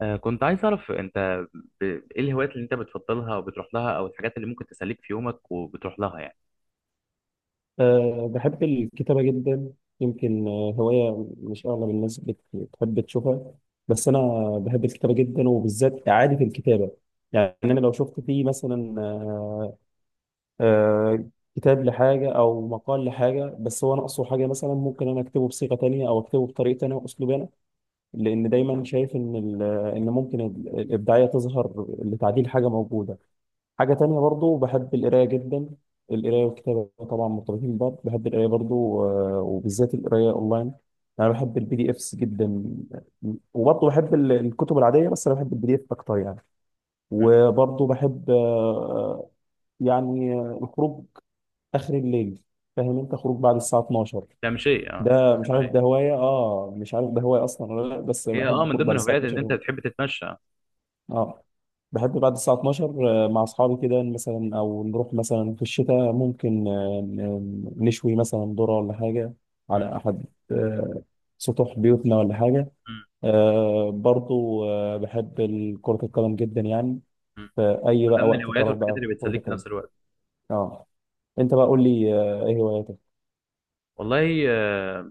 كنت عايز أعرف أنت إيه الهوايات اللي أنت بتفضلها أو بتروح لها أو الحاجات اللي ممكن تسليك في يومك وبتروح لها يعني. بحب الكتابة جدا. يمكن هواية مش أغلب الناس بتحب تشوفها، بس أنا بحب الكتابة جدا، وبالذات إعادة الكتابة. يعني أنا لو شفت فيه مثلا أه أه كتاب لحاجة أو مقال لحاجة، بس هو ناقصه حاجة، مثلا ممكن أنا أكتبه بصيغة تانية أو أكتبه بطريقة تانية وأسلوب أنا، لأن دايما شايف إن الإبداعية تظهر لتعديل حاجة موجودة. حاجة تانية برضو بحب القراية جدا، القراية والكتابة طبعا مرتبطين ببعض. بحب القراية برضو وبالذات القراية أونلاين. أنا بحب البي دي إفس جدا، وبرضو بحب الكتب العادية، بس أنا بحب البي دي إف أكتر يعني. مم. وبرضو بحب الخروج آخر الليل، فاهم أنت؟ خروج بعد الساعة 12. تمشي أه. ده مش عارف تمشي ده هواية مش عارف ده هواية أصلا ولا لأ، بس هي بحب من الخروج ضمن بعد الساعة الهوايات إن أنت 12. بتحب تتمشى. اه، بحب بعد الساعة 12 مع أصحابي كده، مثلا أو نروح مثلا في الشتاء ممكن نشوي مثلا ذرة ولا حاجة مم. على أحد آه، سطوح بيوتنا ولا حاجة. مم. برضو بحب كرة القدم جدا يعني، مم. في أي من بقى ضمن وقت الهوايات فراغ والحاجات بقى في اللي كرة بتسليك في القدم. نفس الوقت. اه. أنت بقى قول لي إيه هواياتك؟ والله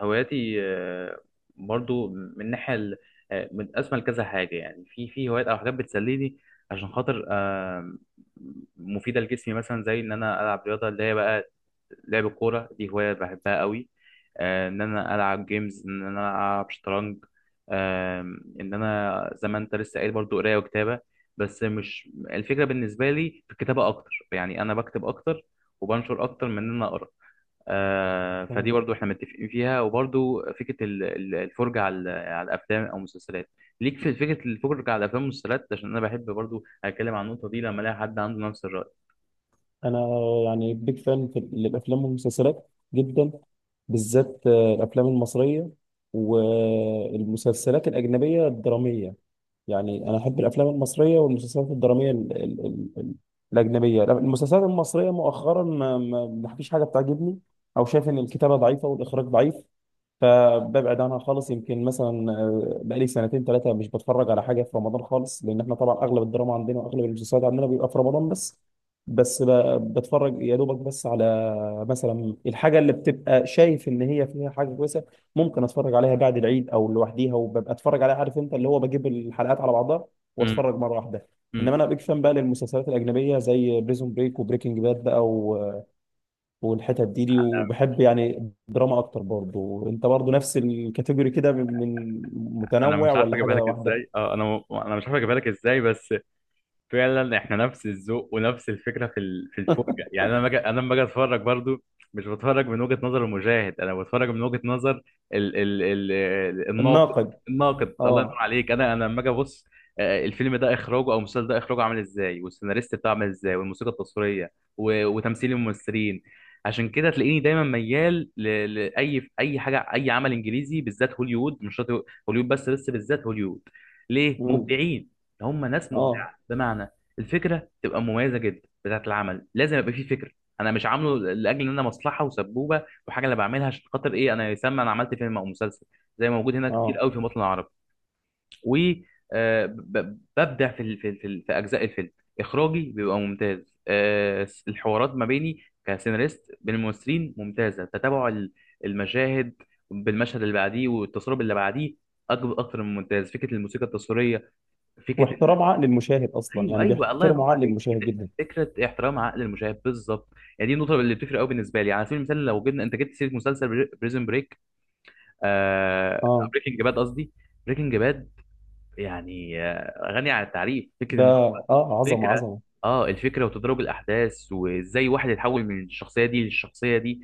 هواياتي برضو من ناحية متقسمة لكذا حاجة يعني في هوايات أو حاجات بتسليني عشان خاطر مفيدة لجسمي مثلا زي إن أنا ألعب رياضة اللي هي بقى لعب الكورة دي هواية بحبها قوي. إن أنا ألعب جيمز إن أنا ألعب شطرنج. آه، إن أنا زي ما أنت لسه قايل برضو قراية وكتابة، بس مش الفكرة بالنسبة لي في الكتابة أكتر يعني أنا بكتب أكتر وبنشر أكتر من إن أنا أقرأ. فدي برضو احنا متفقين فيها وبرضو فكره الفرجه على الافلام او المسلسلات. ليك في فكره الفرجه على الافلام والمسلسلات عشان انا بحب برضو اتكلم عن النقطه دي لما الاقي حد عنده نفس الراي. انا يعني بيج فان في الافلام والمسلسلات جدا، بالذات الافلام المصريه والمسلسلات الاجنبيه الدراميه. يعني انا احب الافلام المصريه والمسلسلات الدراميه ال ال ال ال الاجنبيه. المسلسلات المصريه مؤخرا ما فيش حاجه بتعجبني، او شايف ان الكتابه ضعيفه والاخراج ضعيف، فببعد عنها خالص. يمكن مثلا بقالي سنتين ثلاثه مش بتفرج على حاجه في رمضان خالص، لان احنا طبعا اغلب الدراما عندنا واغلب المسلسلات عندنا بيبقى في رمضان بس. بتفرج يا دوبك بس على مثلا الحاجه اللي بتبقى شايف ان هي فيها حاجه كويسه، ممكن اتفرج عليها بعد العيد او لوحديها، وببقى اتفرج عليها عارف انت، اللي هو بجيب الحلقات على بعضها امم. واتفرج مره واحده. امم. انما انا بيج فان بقى للمسلسلات الاجنبيه، زي بريزون بريك وبريكنج باد بقى والحتت دي، وبحب يعني دراما اكتر. برضو انت برضو نفس الكاتيجوري كده، من انا متنوع مش عارف ولا حاجه اجيبها لك واحده؟ ازاي، اه انا مش عارف اجيبها لك ازاي، بس فعلا احنا نفس الذوق ونفس الفكره في في الفرجه. يعني انا مجد انا لما اجي اتفرج برضو مش بتفرج من وجهه نظر المشاهد، انا بتفرج من وجهه نظر الناقد. الناقد. الناقد الله ينور اه. عليك. انا لما اجي ابص الفيلم ده اخراجه او المسلسل ده اخراجه عامل ازاي، والسيناريست بتاعه عامل ازاي، والموسيقى التصويريه وتمثيل الممثلين. عشان كده تلاقيني دايما ميال لاي اي حاجه، اي عمل انجليزي بالذات هوليوود. مش شرط هوليوود، بس بالذات هوليوود ليه امم. مبدعين. هم ناس اه. مبدعين بمعنى الفكره تبقى مميزه جدا. بتاعه العمل لازم يبقى فيه فكره. انا مش عامله لاجل ان انا مصلحه وسبوبه وحاجه، انا بعملها عشان خاطر ايه، انا يسمى انا عملت فيلم او مسلسل زي ما موجود هنا كتير اه. قوي في الوطن العربي، و ببدع في في اجزاء الفيلم. اخراجي بيبقى ممتاز، الحوارات ما بيني كسيناريست بين الممثلين ممتازه، تتابع المشاهد بالمشهد اللي بعديه والتصوير اللي بعديه اكتر من ممتاز. فكره الموسيقى التصويريه فكره. واحترام عقل المشاهد اصلا، ايوه يعني ايوه الله ينور بيحترموا عقل عليك المشاهد فكره. جدا. فكرة احترام عقل المشاهد بالظبط. يعني دي النقطه اللي بتفرق قوي بالنسبه لي. على سبيل المثال لو جبنا، انت جبت سيره مسلسل بريزن بريك، اه. بريكنج باد قصدي. بريكنج باد يعني غني عن التعريف. فكره ده ان هو اه عظمه، الفكره، عظمه. اه الفكره وتدرج الاحداث وازاي واحد يتحول من الشخصيه دي للشخصيه دي،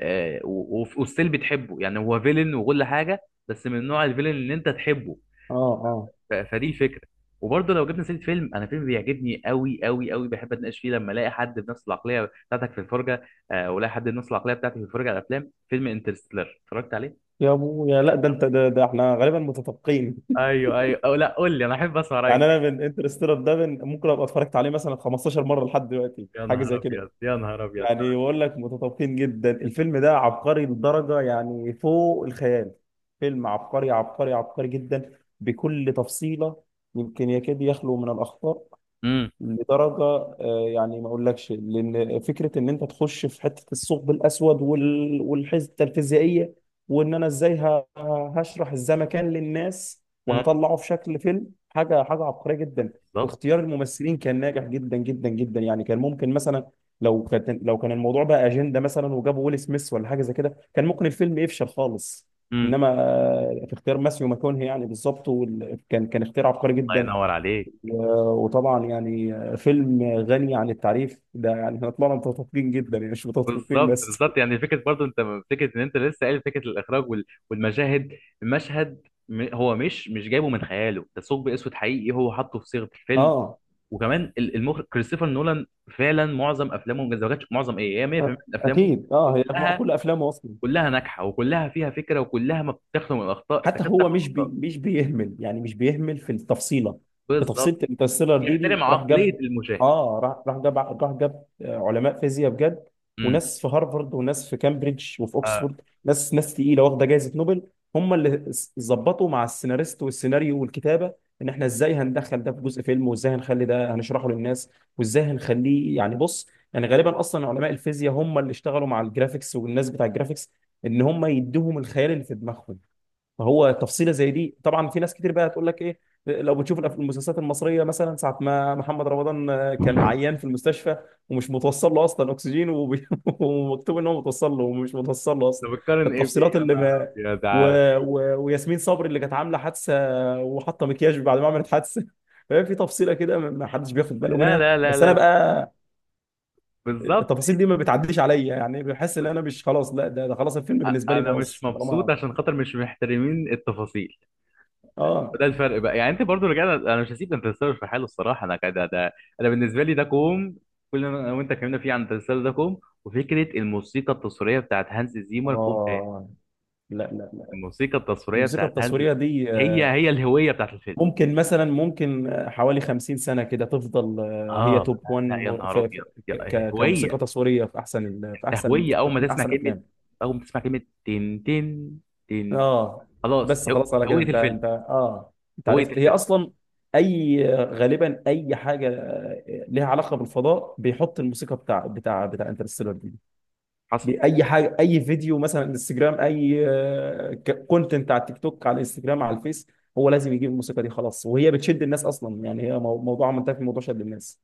وستيل بتحبه يعني هو فيلن وكل حاجه، بس من نوع الفيلن اللي انت تحبه. اه. اه. فدي الفكره. وبرضه لو جبنا سيره فيلم، انا فيلم بيعجبني قوي قوي قوي بحب اتناقش فيه لما الاقي حد بنفس العقليه بتاعتك في الفرجه، والاقي حد بنفس العقليه بتاعتي في الفرجه على الافلام، فيلم انترستيلر اتفرجت عليه. يا ابويا، لا ده انت ده، احنا غالبا متفقين. ايوه ايوه، او لا قول لي، انا احب اسمع رايك يعني انا فيه. من انترستيلر ده، من ممكن ابقى اتفرجت عليه مثلا 15 مره لحد دلوقتي، يا حاجه نهار زي كده. ابيض يا نهار ابيض. يعني بقول لك متطابقين جدا. الفيلم ده عبقري لدرجة يعني فوق الخيال. فيلم عبقري عبقري عبقري جدا، بكل تفصيلة. يمكن يكاد يخلو من الأخطاء امم. لدرجه يعني ما اقولكش. لان فكره ان انت تخش في حته الثقب الاسود والحته الفيزيائيه، وان انا ازاي هشرح الزمكان للناس امم. وهطلعه في شكل فيلم، حاجه حاجه عبقريه جدا. بالظبط. واختيار الممثلين كان ناجح جدا جدا جدا. يعني كان ممكن مثلا لو كان الموضوع بقى اجنده مثلا وجابوا ويل سميث ولا حاجه زي كده، كان ممكن الفيلم يفشل خالص. امم. انما في اختيار ماسيو ماكونهي يعني بالظبط، كان اختيار عبقري الله جدا. ينور عليك. وطبعا يعني فيلم غني عن التعريف ده، يعني احنا طلعنا متفقين جدا، يعني مش متفقين بالظبط بس. بالظبط. يعني فكره برضو انت، فكره ان انت لسه قايل فكره الاخراج والمشاهد، المشهد هو مش جايبه من خياله، ده ثقب اسود حقيقي هو حاطه في صيغه الفيلم. اه. وكمان المخرج كريستوفر نولان، فعلا معظم افلامه ما كانتش، معظم ايه، هي أ- 100% من افلامه اكيد. اه، هي كلها كل افلامه اصلا. كلها ناجحه وكلها فيها فكره وكلها ما بتخلو من الاخطاء، حتى تكاد هو تخلو من الاخطاء. مش بيهمل، يعني مش بيهمل في التفصيله. في تفصيله بالظبط، الانترستيلر دي، بيحترم راح عقليه جاب. المشاهد. اه، راح جاب علماء فيزياء بجد، امم. وناس في هارفارد وناس في كامبريدج وفي آه. اوكسفورد، ناس تقيله واخده جائزه نوبل. هم ظبطوا مع السيناريست والسيناريو والكتابه، ان احنا ازاي هندخل ده في جزء فيلم، وازاي هنخلي ده هنشرحه للناس، وازاي هنخليه يعني. بص، يعني غالبا اصلا علماء الفيزياء هم اللي اشتغلوا مع الجرافيكس والناس بتاع الجرافيكس، ان هم يدوهم الخيال اللي في دماغهم. فهو تفصيله زي دي، طبعا في ناس كتير بقى هتقول لك ايه، لو بتشوف المسلسلات المصريه مثلا، ساعه ما محمد رمضان كان عيان في المستشفى ومش متوصل له اصلا اكسجين ومكتوب ان هو متوصل له ومش متوصل له اصلا. طب بتقارن ايه بإيه؟ التفصيلات يا اللي نهار ما ابيض و... عليا. وياسمين صبري اللي كانت عامله حادثه وحاطه مكياج بعد ما عملت حادثه. فهي في تفصيله كده ما حدش بياخد باله لا منها، لا لا بس انا لا. بقى بالظبط. التفاصيل دي ما بتعديش عليا، يعني بحس ان انا مش خلاص. لا ده، خلاص الفيلم بالنسبه لي انا باظ مش مبسوط طالما. عشان خاطر مش محترمين التفاصيل. وده اه. الفرق بقى. يعني انت برضو رجعت، انا مش هسيب ده التسلسل في حاله الصراحه، انا كده ده. انا بالنسبه لي ده كوم، كل ما انا وانت اتكلمنا فيه عن التسلسل ده كوم، وفكره الموسيقى التصويريه بتاعت هانز زيمر كوم تاني. اه. لا لا لا. الموسيقى التصويريه الموسيقى بتاعت هانز، التصويرية دي هي هي الهويه بتاعت الفيلم. ممكن مثلا ممكن حوالي 50 سنة كده تفضل هي اه توب لا 1، لا يا نهار ابيض، كموسيقى هويه. تصويرية في احسن في انت احسن، هويه، اول ما من تسمع احسن كلمه، افلام. اول ما تسمع كلمه تن تن تن اه، خلاص، بس خلاص على كده هويه انت الفيلم. انت اه انت هويه عرفت هي الفيلم اصلا. اي غالبا اي حاجة لها علاقة بالفضاء بيحط الموسيقى بتاع انترستيلر دي. حصل. باي حاجه، اي فيديو مثلا انستجرام، اي كونتنت على التيك توك، على الانستجرام، على الفيس، هو لازم يجيب الموسيقى دي. خلاص وهي بتشد الناس اصلا، يعني هي موضوع منتهي في موضوع شد الناس.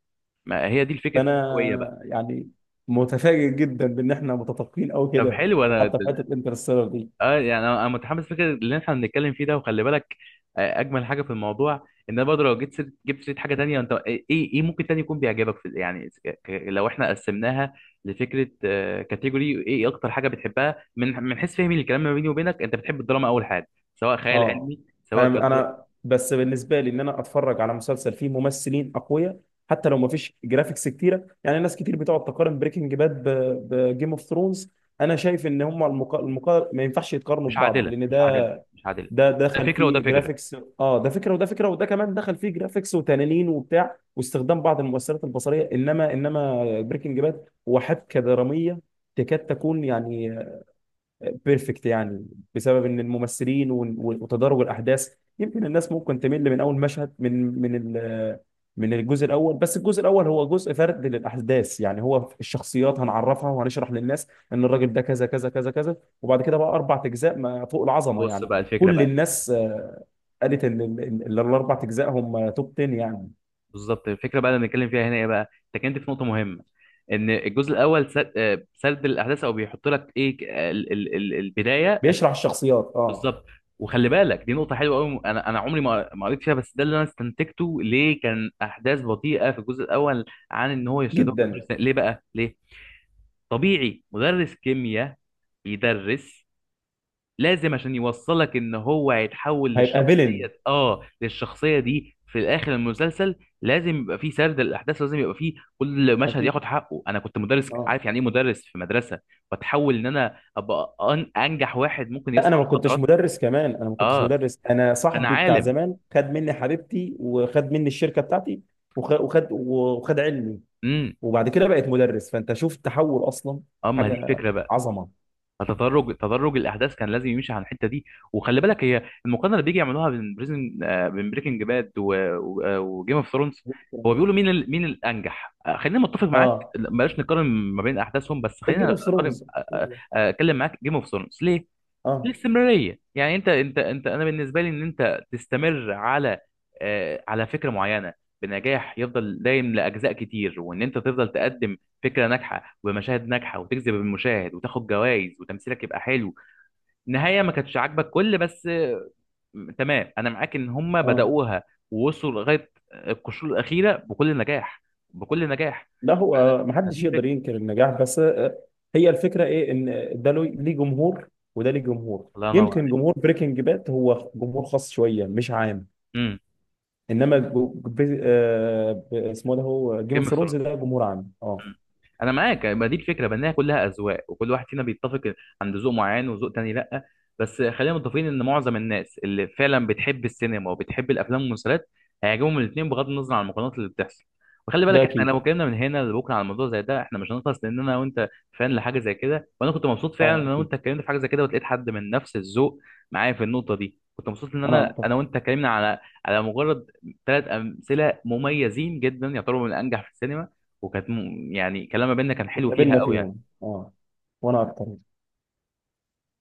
ما هي دي فكره فانا الهويه بقى. يعني متفاجئ جدا بان احنا متفقين قوي طب كده، حلو. انا وحتى في حته انترستيلر دي. اه يعني انا متحمس فكره اللي احنا بنتكلم فيه ده، وخلي بالك اجمل حاجه في الموضوع ان انا برضه لو جيت جبت سيره حاجه تانية. انت ايه، ايه إيه ممكن تاني يكون بيعجبك في، يعني لو احنا قسمناها لفكره، كاتيجوري ايه، إيه اكتر حاجه بتحبها؟ من حيث فهمي للكلام ما بيني وبينك، انت بتحب الدراما اول حاجه، سواء خيال اه. علمي سواء انا، كدر... بس بالنسبه لي ان انا اتفرج على مسلسل فيه ممثلين اقوياء، حتى لو ما فيش جرافيكس كتيره. يعني ناس كتير بتقعد تقارن بريكنج باد بجيم اوف ثرونز. انا شايف ان هم ما ينفعش يتقارنوا مش ببعض، عادله لان مش عادله ده، مش عادله. ده ده دخل فكره وده فيه فكره. جرافيكس، اه ده فكره وده فكره، وده كمان دخل فيه جرافيكس وتنانين وبتاع واستخدام بعض المؤثرات البصريه. انما بريكنج باد هو حبكه دراميه تكاد تكون يعني بيرفكت يعني، بسبب ان الممثلين وتدرج الاحداث. يمكن الناس ممكن تمل من اول مشهد، من الجزء الاول، بس الجزء الاول هو جزء فرد للاحداث، يعني هو الشخصيات هنعرفها وهنشرح للناس ان الراجل ده كذا كذا كذا كذا، وبعد كده بقى اربع اجزاء ما فوق العظمه بص يعني. بقى الفكره، كل الناس قالت ان الاربع اجزاء هم توب 10 يعني. بالظبط. الفكره بقى اللي بنتكلم فيها هنا ايه بقى؟ انت كنت في نقطه مهمه، ان الجزء الاول سرد الاحداث، او بيحط لك ايه ك- ال ال ال البدايه بيشرح الشخصيات، اه، بالظبط. وخلي بالك دي نقطه حلوه قوي، انا عمري ما قريت فيها، بس ده اللي انا استنتجته، ليه كان احداث بطيئه في الجزء الاول؟ عن ان هو يشتغل في كل جدا. سنة. ليه بقى؟ ليه طبيعي مدرس كيمياء بيدرس، لازم عشان يوصلك ان هو هيتحول هيبقى فيلن. للشخصيه، اه للشخصيه دي في الاخر المسلسل. لازم يبقى فيه سرد الاحداث، لازم يبقى فيه كل مشهد اكيد. ياخد حقه. انا كنت مدرس اه. عارف يعني ايه مدرس في مدرسه، واتحول ان انا ابقى انجح واحد ممكن لا انا يصنع ما كنتش مخدرات. مدرس كمان، انا ما كنتش اه مدرس. انا انا صاحبي بتاع عالم. زمان خد مني حبيبتي وخد مني الشركه بتاعتي وخد علمي، امم. وبعد كده بقيت مدرس. فانت شوف التحول اصلا، اه ما هي دي حاجه الفكره بقى. عظمه. فتدرج الاحداث كان لازم يمشي على الحته دي. وخلي بالك هي المقارنه اللي بيجي يعملوها بين بريزن بين بريكنج باد وجيم اوف ثرونز، هو بيقولوا مين مين الانجح. خلينا متفق معاك، اه. بلاش نقارن ما بين احداثهم، بس الجيم خلينا اوف اقارن. ثرونز. الله. اتكلم معاك جيم اوف ثرونز ليه؟ اه. الاستمراريه. يعني انت انت انت انا بالنسبه لي ان انت تستمر على على فكره معينه بنجاح، يفضل دايم لاجزاء كتير، وان انت تفضل تقدم فكره ناجحه ومشاهد ناجحه وتجذب المشاهد وتاخد جوائز وتمثيلك يبقى حلو. النهايه ما كانتش عاجبك كل، بس تمام، انا معاك ان هم اه. بداوها ووصلوا لغايه القشور الاخيره بكل نجاح بكل نجاح. لا هو ما هذه حدش يقدر الفكره. ينكر النجاح، بس هي الفكره ايه؟ ان ده ليه جمهور وده ليه جمهور. الله ينور يمكن عليك. جمهور بريكنج باد هو جمهور خاص شويه مش عام، امم. انما اسمه ده هو جيم جيم اوف اوف. ثرونز، ده جمهور عام. اه. مم. انا معاك، ما دي الفكره بانها كلها اذواق وكل واحد فينا بيتفق عند ذوق معين وذوق تاني، لا بس خلينا متفقين ان معظم الناس اللي فعلا بتحب السينما وبتحب الافلام والمسلسلات هيعجبهم الاثنين بغض النظر عن المقارنات اللي بتحصل. وخلي ده بالك احنا اكيد. لو اتكلمنا من هنا لبكره على الموضوع زي ده احنا مش هنخلص، لان انا وانت فان لحاجه زي كده. وانا كنت مبسوط فعلا اه ان انا اكيد، وانت اتكلمنا في حاجه زي كده، ولقيت حد من نفس الذوق معايا في النقطه دي. كنت مبسوط ان انا انا اكتر. وانت اتكلمنا على، على مجرد ثلاث امثله مميزين جدا يعتبروا من الانجح في السينما، وكانت يعني كلام ما بيننا كان حلو فيها واتقابلنا قوي يعني. فيهم، اه، وانا اكتر.